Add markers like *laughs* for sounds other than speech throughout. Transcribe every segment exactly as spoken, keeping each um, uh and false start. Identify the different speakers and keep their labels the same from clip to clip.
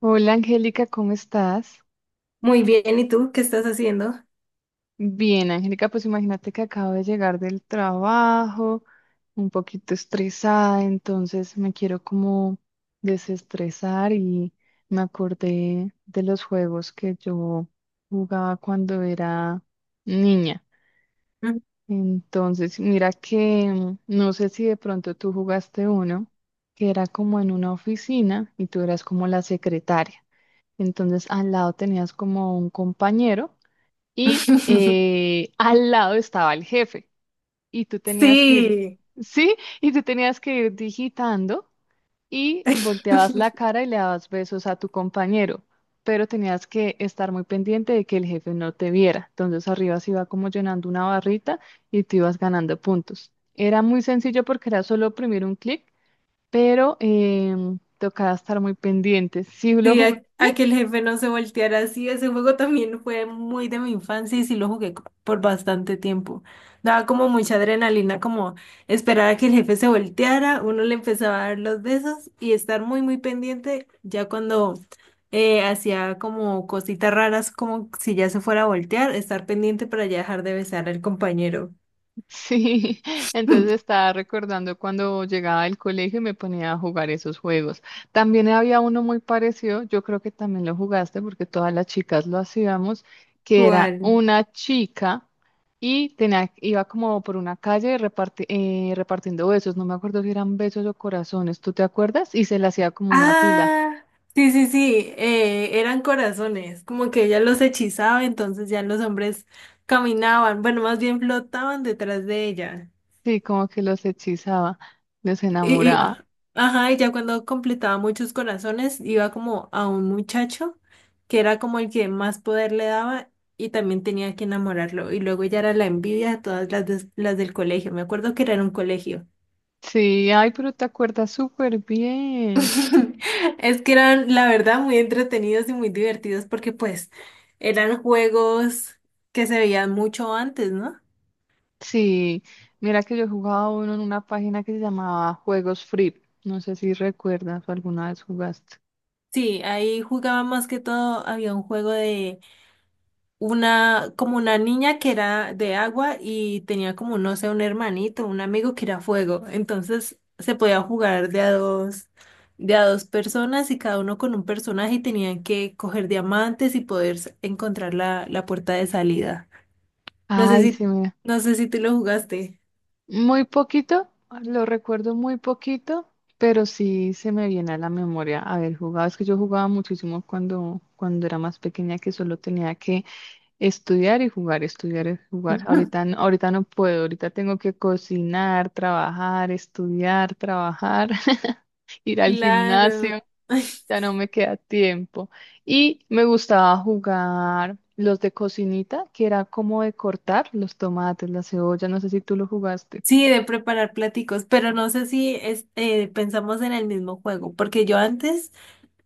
Speaker 1: Hola Angélica, ¿cómo estás?
Speaker 2: Muy bien, ¿y tú qué estás haciendo?
Speaker 1: Bien, Angélica, pues imagínate que acabo de llegar del trabajo, un poquito estresada, entonces me quiero como desestresar y me acordé de los juegos que yo jugaba cuando era niña.
Speaker 2: Mm.
Speaker 1: Entonces, mira que mm, no sé si de pronto tú jugaste uno que era como en una oficina y tú eras como la secretaria. Entonces, al lado tenías como un compañero y
Speaker 2: *laughs*
Speaker 1: eh, al lado estaba el jefe y tú tenías que ir,
Speaker 2: Sí,
Speaker 1: sí, y tú tenías que ir digitando y volteabas la
Speaker 2: *laughs*
Speaker 1: cara y le dabas besos a tu compañero, pero tenías que estar muy pendiente de que el jefe no te viera. Entonces arriba se iba como llenando una barrita y tú ibas ganando puntos. Era muy sencillo porque era solo oprimir un clic, pero em, tocaba estar muy pendiente. Sí lo
Speaker 2: sí,
Speaker 1: jugué.
Speaker 2: a, a que el jefe no se volteara así. Ese juego también fue muy de mi infancia y sí lo jugué co- por bastante tiempo. Daba como mucha adrenalina, como esperar a que el jefe se volteara, uno le empezaba a dar los besos y estar muy, muy pendiente ya cuando eh, hacía como cositas raras, como si ya se fuera a voltear, estar pendiente para ya dejar de besar al compañero.
Speaker 1: Sí, *laughs* entonces
Speaker 2: *laughs*
Speaker 1: estaba recordando cuando llegaba del colegio y me ponía a jugar esos juegos. También había uno muy parecido, yo creo que también lo jugaste porque todas las chicas lo hacíamos, que era
Speaker 2: ¿Cuál?
Speaker 1: una chica y tenía, iba como por una calle reparti- eh, repartiendo besos, no me acuerdo si eran besos o corazones, ¿tú te acuerdas? Y se le hacía como una fila,
Speaker 2: Ah, sí, sí, sí, eh, eran corazones, como que ella los hechizaba, entonces ya los hombres caminaban, bueno, más bien flotaban detrás de ella.
Speaker 1: sí, como que los hechizaba, los
Speaker 2: Y, y,
Speaker 1: enamoraba.
Speaker 2: ajá, y ya cuando completaba muchos corazones, iba como a un muchacho que era como el que más poder le daba y también tenía que enamorarlo. Y luego ya era la envidia de todas las, des- las del colegio. Me acuerdo que era en un colegio.
Speaker 1: Sí, ay, pero te acuerdas súper bien.
Speaker 2: *laughs* Es que eran, la verdad, muy entretenidos y muy divertidos porque pues eran juegos que se veían mucho antes, ¿no?
Speaker 1: Sí, mira que yo jugaba uno en una página que se llamaba Juegos Free. No sé si recuerdas o alguna vez jugaste.
Speaker 2: Sí, ahí jugaba más que todo. Había un juego de una, como una niña que era de agua y tenía como, no sé, un hermanito, un amigo que era fuego. Entonces se podía jugar de a dos, de a dos personas y cada uno con un personaje y tenían que coger diamantes y poder s- encontrar la, la puerta de salida. No sé
Speaker 1: Ay,
Speaker 2: si,
Speaker 1: sí, mira.
Speaker 2: no sé si tú lo jugaste.
Speaker 1: Muy poquito, lo recuerdo muy poquito, pero sí se me viene a la memoria haber jugado. Es que yo jugaba muchísimo cuando, cuando era más pequeña, que solo tenía que estudiar y jugar, estudiar y jugar. Ahorita,
Speaker 2: *laughs*
Speaker 1: no- ahorita no puedo, ahorita tengo que cocinar, trabajar, estudiar, trabajar, *laughs* ir al gimnasio.
Speaker 2: Claro. Ay,
Speaker 1: Ya no me queda tiempo. Y me gustaba jugar los de cocinita, que era como de cortar los tomates, la cebolla, no sé si tú lo jugaste.
Speaker 2: sí, de preparar platicos, pero no sé si es- eh, pensamos en el mismo juego, porque yo antes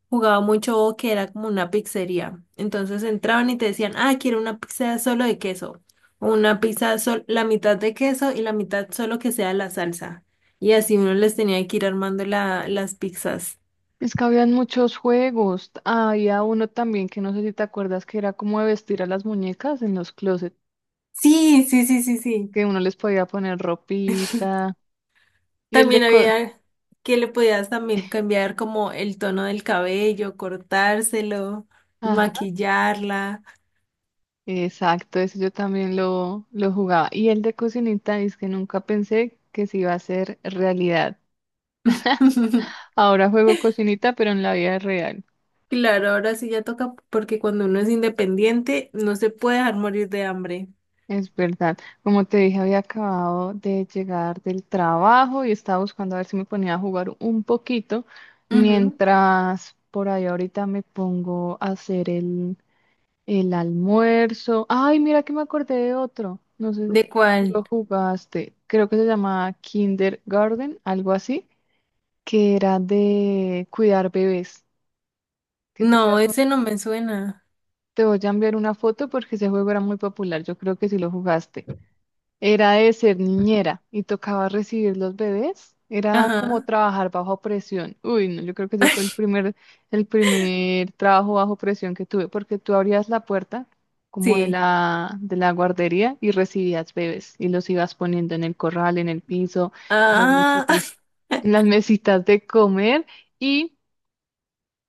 Speaker 2: jugaba mucho que era como una pizzería. Entonces entraban y te decían, ah, quiero una pizza solo de queso, o una pizza sol la mitad de queso y la mitad solo que sea la salsa. Y así uno les tenía que ir armando la, las pizzas.
Speaker 1: Es que habían muchos juegos. Había uno también que no sé si te acuerdas que era como de vestir a las muñecas en los closets,
Speaker 2: Sí, sí, sí, sí, sí.
Speaker 1: que uno les podía poner ropita. Y el de
Speaker 2: También
Speaker 1: co-
Speaker 2: había que le podías también cambiar como el tono del cabello, cortárselo,
Speaker 1: Ajá,
Speaker 2: maquillarla.
Speaker 1: exacto, ese yo también lo, lo jugaba. Y el de cocinita es que nunca pensé que se iba a hacer realidad.
Speaker 2: *laughs*
Speaker 1: Ahora juego cocinita, pero en la vida real.
Speaker 2: Claro, ahora sí ya toca porque cuando uno es independiente no se puede dejar morir de hambre.
Speaker 1: Es verdad. Como te dije, había acabado de llegar del trabajo y estaba buscando a ver si me ponía a jugar un poquito,
Speaker 2: Ujú.
Speaker 1: mientras por ahí ahorita me pongo a hacer el, el almuerzo. Ay, mira que me acordé de otro. No sé si
Speaker 2: ¿De
Speaker 1: tú lo
Speaker 2: cuál?
Speaker 1: jugaste. Creo que se llamaba Kindergarten, algo así, que era de cuidar bebés. Que tú
Speaker 2: No,
Speaker 1: eras un-
Speaker 2: ese no me suena.
Speaker 1: Te voy a enviar una foto porque ese juego era muy popular. Yo creo que sí lo jugaste. Era de ser niñera y tocaba recibir los bebés. Era como
Speaker 2: Ajá.
Speaker 1: trabajar bajo presión. Uy, no, yo creo que ese fue el primer, el primer trabajo bajo presión que tuve, porque tú abrías la puerta como de
Speaker 2: Sí.
Speaker 1: la, de la guardería y recibías bebés y los ibas poniendo en el corral, en el piso, en las
Speaker 2: Ah,
Speaker 1: mesitas, en
Speaker 2: *laughs*
Speaker 1: las mesitas de comer y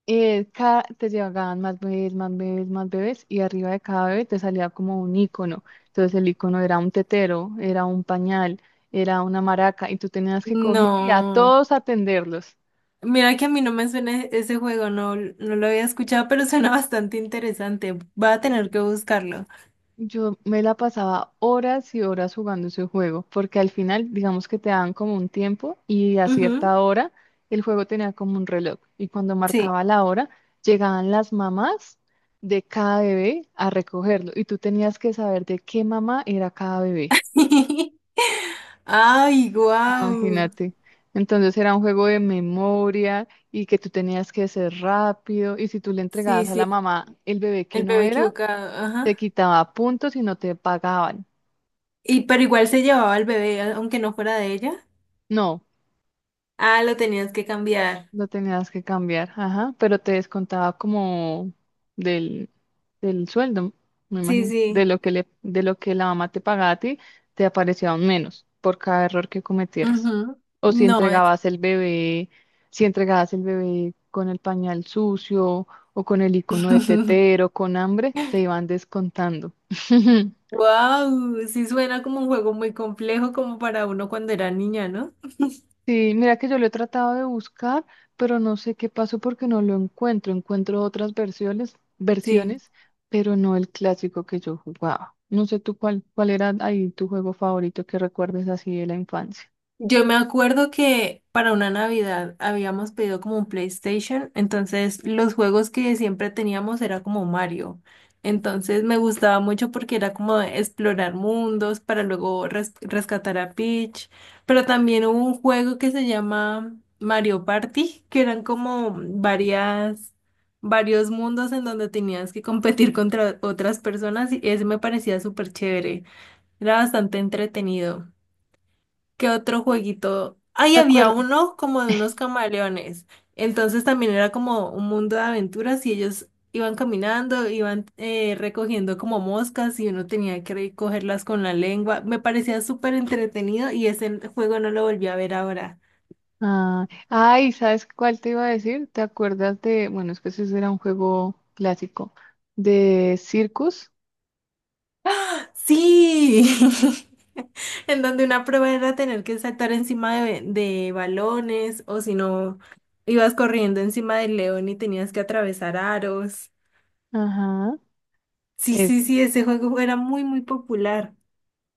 Speaker 1: eh, cada, te llegaban más bebés, más bebés, más bebés, y arriba de cada bebé te salía como un icono. Entonces el icono era un tetero, era un pañal, era una maraca, y tú tenías que coger y a
Speaker 2: no.
Speaker 1: todos atenderlos.
Speaker 2: Mira que a mí no me suena e- ese juego, no, no lo había escuchado, pero suena bastante interesante. Va a tener que buscarlo.
Speaker 1: Yo me la pasaba horas y horas jugando ese juego, porque al final, digamos que te daban como un tiempo y a
Speaker 2: Ujú,
Speaker 1: cierta hora el juego tenía como un reloj y cuando
Speaker 2: sí.
Speaker 1: marcaba la hora llegaban las mamás de cada bebé a recogerlo y tú tenías que saber de qué mamá era cada bebé,
Speaker 2: *laughs* Ay, guau.
Speaker 1: imagínate. Entonces era un juego de memoria y que tú tenías que ser rápido y si tú le
Speaker 2: Sí,
Speaker 1: entregabas a
Speaker 2: sí,
Speaker 1: la mamá el bebé que
Speaker 2: el
Speaker 1: no
Speaker 2: bebé
Speaker 1: era,
Speaker 2: equivocado,
Speaker 1: te
Speaker 2: ajá.
Speaker 1: quitaba puntos y no te pagaban.
Speaker 2: Y pero igual se llevaba el bebé, a- aunque no fuera de ella.
Speaker 1: No.
Speaker 2: Ah, lo tenías que cambiar.
Speaker 1: Lo tenías que cambiar, ajá, pero te descontaba como del, del sueldo, me
Speaker 2: Sí,
Speaker 1: imagino, de
Speaker 2: sí.
Speaker 1: lo que le, de lo que la mamá te pagaba a ti, te aparecía un menos por cada error que cometieras.
Speaker 2: Ujú.
Speaker 1: O si
Speaker 2: No es.
Speaker 1: entregabas el bebé, si entregabas el bebé con el pañal sucio o con el icono de
Speaker 2: *laughs*
Speaker 1: tetero, con hambre, te iban descontando. *laughs*
Speaker 2: Wow, sí suena como un juego muy complejo como para uno cuando era niña, ¿no?
Speaker 1: Sí, mira que yo lo he tratado de buscar, pero no sé qué pasó porque no lo encuentro. Encuentro otras versiones,
Speaker 2: Sí.
Speaker 1: versiones, pero no el clásico que yo jugaba. No sé tú cuál, cuál era ahí tu juego favorito que recuerdes así de la infancia.
Speaker 2: Yo me acuerdo que para una Navidad habíamos pedido como un PlayStation, entonces los juegos que siempre teníamos era como Mario. Entonces me gustaba mucho porque era como explorar mundos para luego res- rescatar a Peach. Pero también hubo un juego que se llama Mario Party, que eran como varias, varios mundos en donde tenías que competir contra otras personas y ese me parecía súper chévere. Era bastante entretenido. ¿Qué otro jueguito? Ahí
Speaker 1: ¿Te
Speaker 2: había
Speaker 1: acuerdas?
Speaker 2: uno como de unos camaleones. Entonces también era como un mundo de aventuras y ellos iban caminando, iban eh, recogiendo como moscas y uno tenía que recogerlas con la lengua. Me parecía súper entretenido y ese juego no lo volví a ver ahora.
Speaker 1: Ah, ay, ¿sabes cuál te iba a decir? ¿Te acuerdas de, bueno, es que ese era un juego clásico, de Circus?
Speaker 2: Sí, *laughs* en donde una prueba era tener que saltar encima de, de balones o si no, ibas corriendo encima del león y tenías que atravesar aros.
Speaker 1: Ajá,
Speaker 2: Sí, sí,
Speaker 1: ese.
Speaker 2: sí, ese juego era muy, muy popular.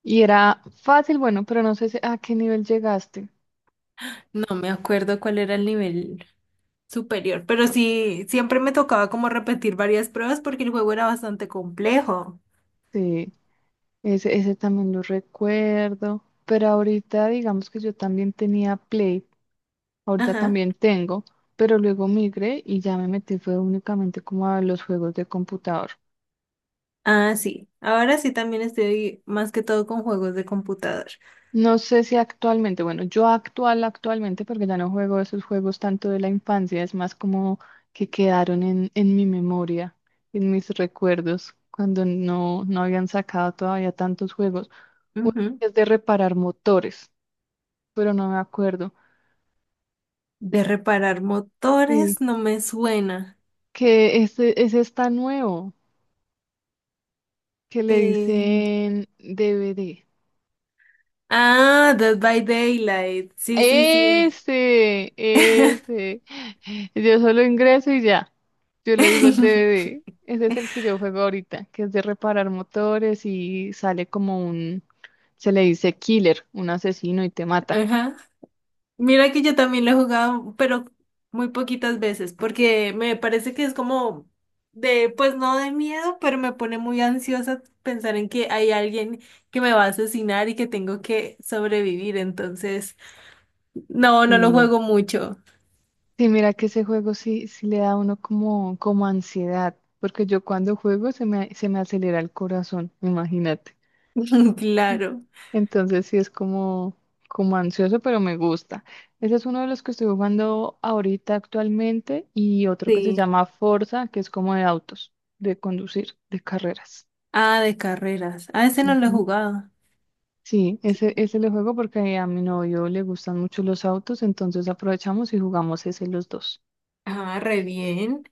Speaker 1: Y era fácil, bueno, pero no sé si- a qué nivel llegaste.
Speaker 2: No me acuerdo cuál era el nivel superior, pero sí, siempre me tocaba como repetir varias pruebas porque el juego era bastante complejo.
Speaker 1: Sí. Ese, ese también lo recuerdo, pero ahorita digamos que yo también tenía Play, ahorita
Speaker 2: Ajá.
Speaker 1: también tengo, pero luego migré y ya me metí fue únicamente como a los juegos de computador.
Speaker 2: Ah, sí. Ahora sí también estoy más que todo con juegos de computador.
Speaker 1: No sé si actualmente, bueno, yo actual actualmente porque ya no juego esos juegos tanto de la infancia, es más como que quedaron en, en mi memoria, en mis recuerdos, cuando no, no habían sacado todavía tantos juegos. Uno
Speaker 2: Ujú.
Speaker 1: es de reparar motores, pero no me acuerdo.
Speaker 2: De reparar
Speaker 1: Sí.
Speaker 2: motores no me suena.
Speaker 1: Que ese, ese está nuevo, que le
Speaker 2: Eh,
Speaker 1: dicen D V D.
Speaker 2: Ah, Dead by Daylight. Sí, sí, sí.
Speaker 1: Ese, ese. Yo solo ingreso y ya. Yo le digo es
Speaker 2: *laughs*
Speaker 1: D V D. Ese es el que yo juego ahorita, que es de reparar motores y sale como un, se le dice killer, un asesino y te mata.
Speaker 2: Ajá. Mira que yo también lo he jugado, pero muy poquitas veces, porque me parece que es como de, pues no de miedo, pero me pone muy ansiosa pensar en que hay alguien que me va a asesinar y que tengo que sobrevivir. Entonces, no, no lo
Speaker 1: Sí.
Speaker 2: juego mucho.
Speaker 1: Sí, mira que ese juego sí, sí le da a uno como, como ansiedad, porque yo cuando juego se me, se me acelera el corazón, imagínate.
Speaker 2: *laughs* Claro.
Speaker 1: Entonces sí es como, como ansioso, pero me gusta. Ese es uno de los que estoy jugando ahorita actualmente y otro que se
Speaker 2: Sí.
Speaker 1: llama Forza, que es como de autos, de conducir, de carreras.
Speaker 2: Ah, de carreras. Ah, ese no lo he
Speaker 1: Ujú.
Speaker 2: jugado.
Speaker 1: Sí, ese, ese le juego porque a mi novio le gustan mucho los autos, entonces aprovechamos y jugamos ese los dos.
Speaker 2: Ah, re bien.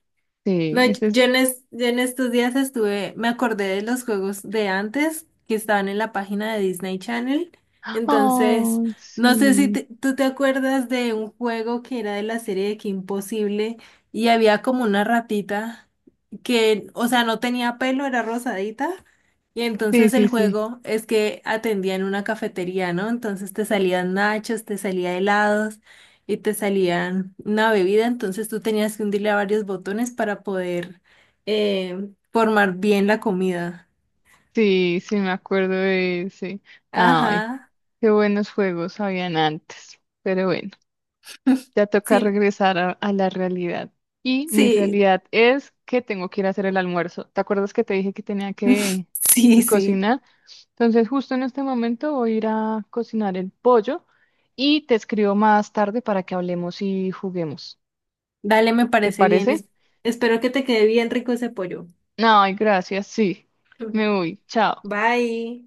Speaker 1: Sí,
Speaker 2: No, yo
Speaker 1: ese
Speaker 2: yo
Speaker 1: es...
Speaker 2: en, es- yo en estos días estuve, me acordé de los juegos de antes que estaban en la página de Disney Channel. Entonces,
Speaker 1: Oh,
Speaker 2: no sé si
Speaker 1: sí.
Speaker 2: te- tú te acuerdas de un juego que era de la serie de Que Imposible y había como una ratita que, o sea, no tenía pelo, era rosadita. Y
Speaker 1: Sí,
Speaker 2: entonces
Speaker 1: sí,
Speaker 2: el
Speaker 1: sí.
Speaker 2: juego es que atendía en una cafetería, ¿no? Entonces te salían nachos, te salía helados y te salían una bebida, entonces tú tenías que hundirle a varios botones para poder eh, formar bien la comida.
Speaker 1: Sí, sí, me acuerdo de ese. Ay,
Speaker 2: Ajá,
Speaker 1: qué buenos juegos habían antes. Pero bueno.
Speaker 2: *laughs*
Speaker 1: Ya toca
Speaker 2: sí,
Speaker 1: regresar a, a la realidad. Y mi
Speaker 2: sí,
Speaker 1: realidad es que tengo que ir a hacer el almuerzo. ¿Te acuerdas que te dije que tenía que
Speaker 2: *laughs* sí, sí.
Speaker 1: cocinar? Entonces, justo en este momento voy a ir a cocinar el pollo y te escribo más tarde para que hablemos y juguemos.
Speaker 2: Dale, me
Speaker 1: ¿Te
Speaker 2: parece bien.
Speaker 1: parece?
Speaker 2: Es- espero que te quede bien rico ese pollo.
Speaker 1: No, gracias, sí. Me voy. Chao.
Speaker 2: *laughs* Bye.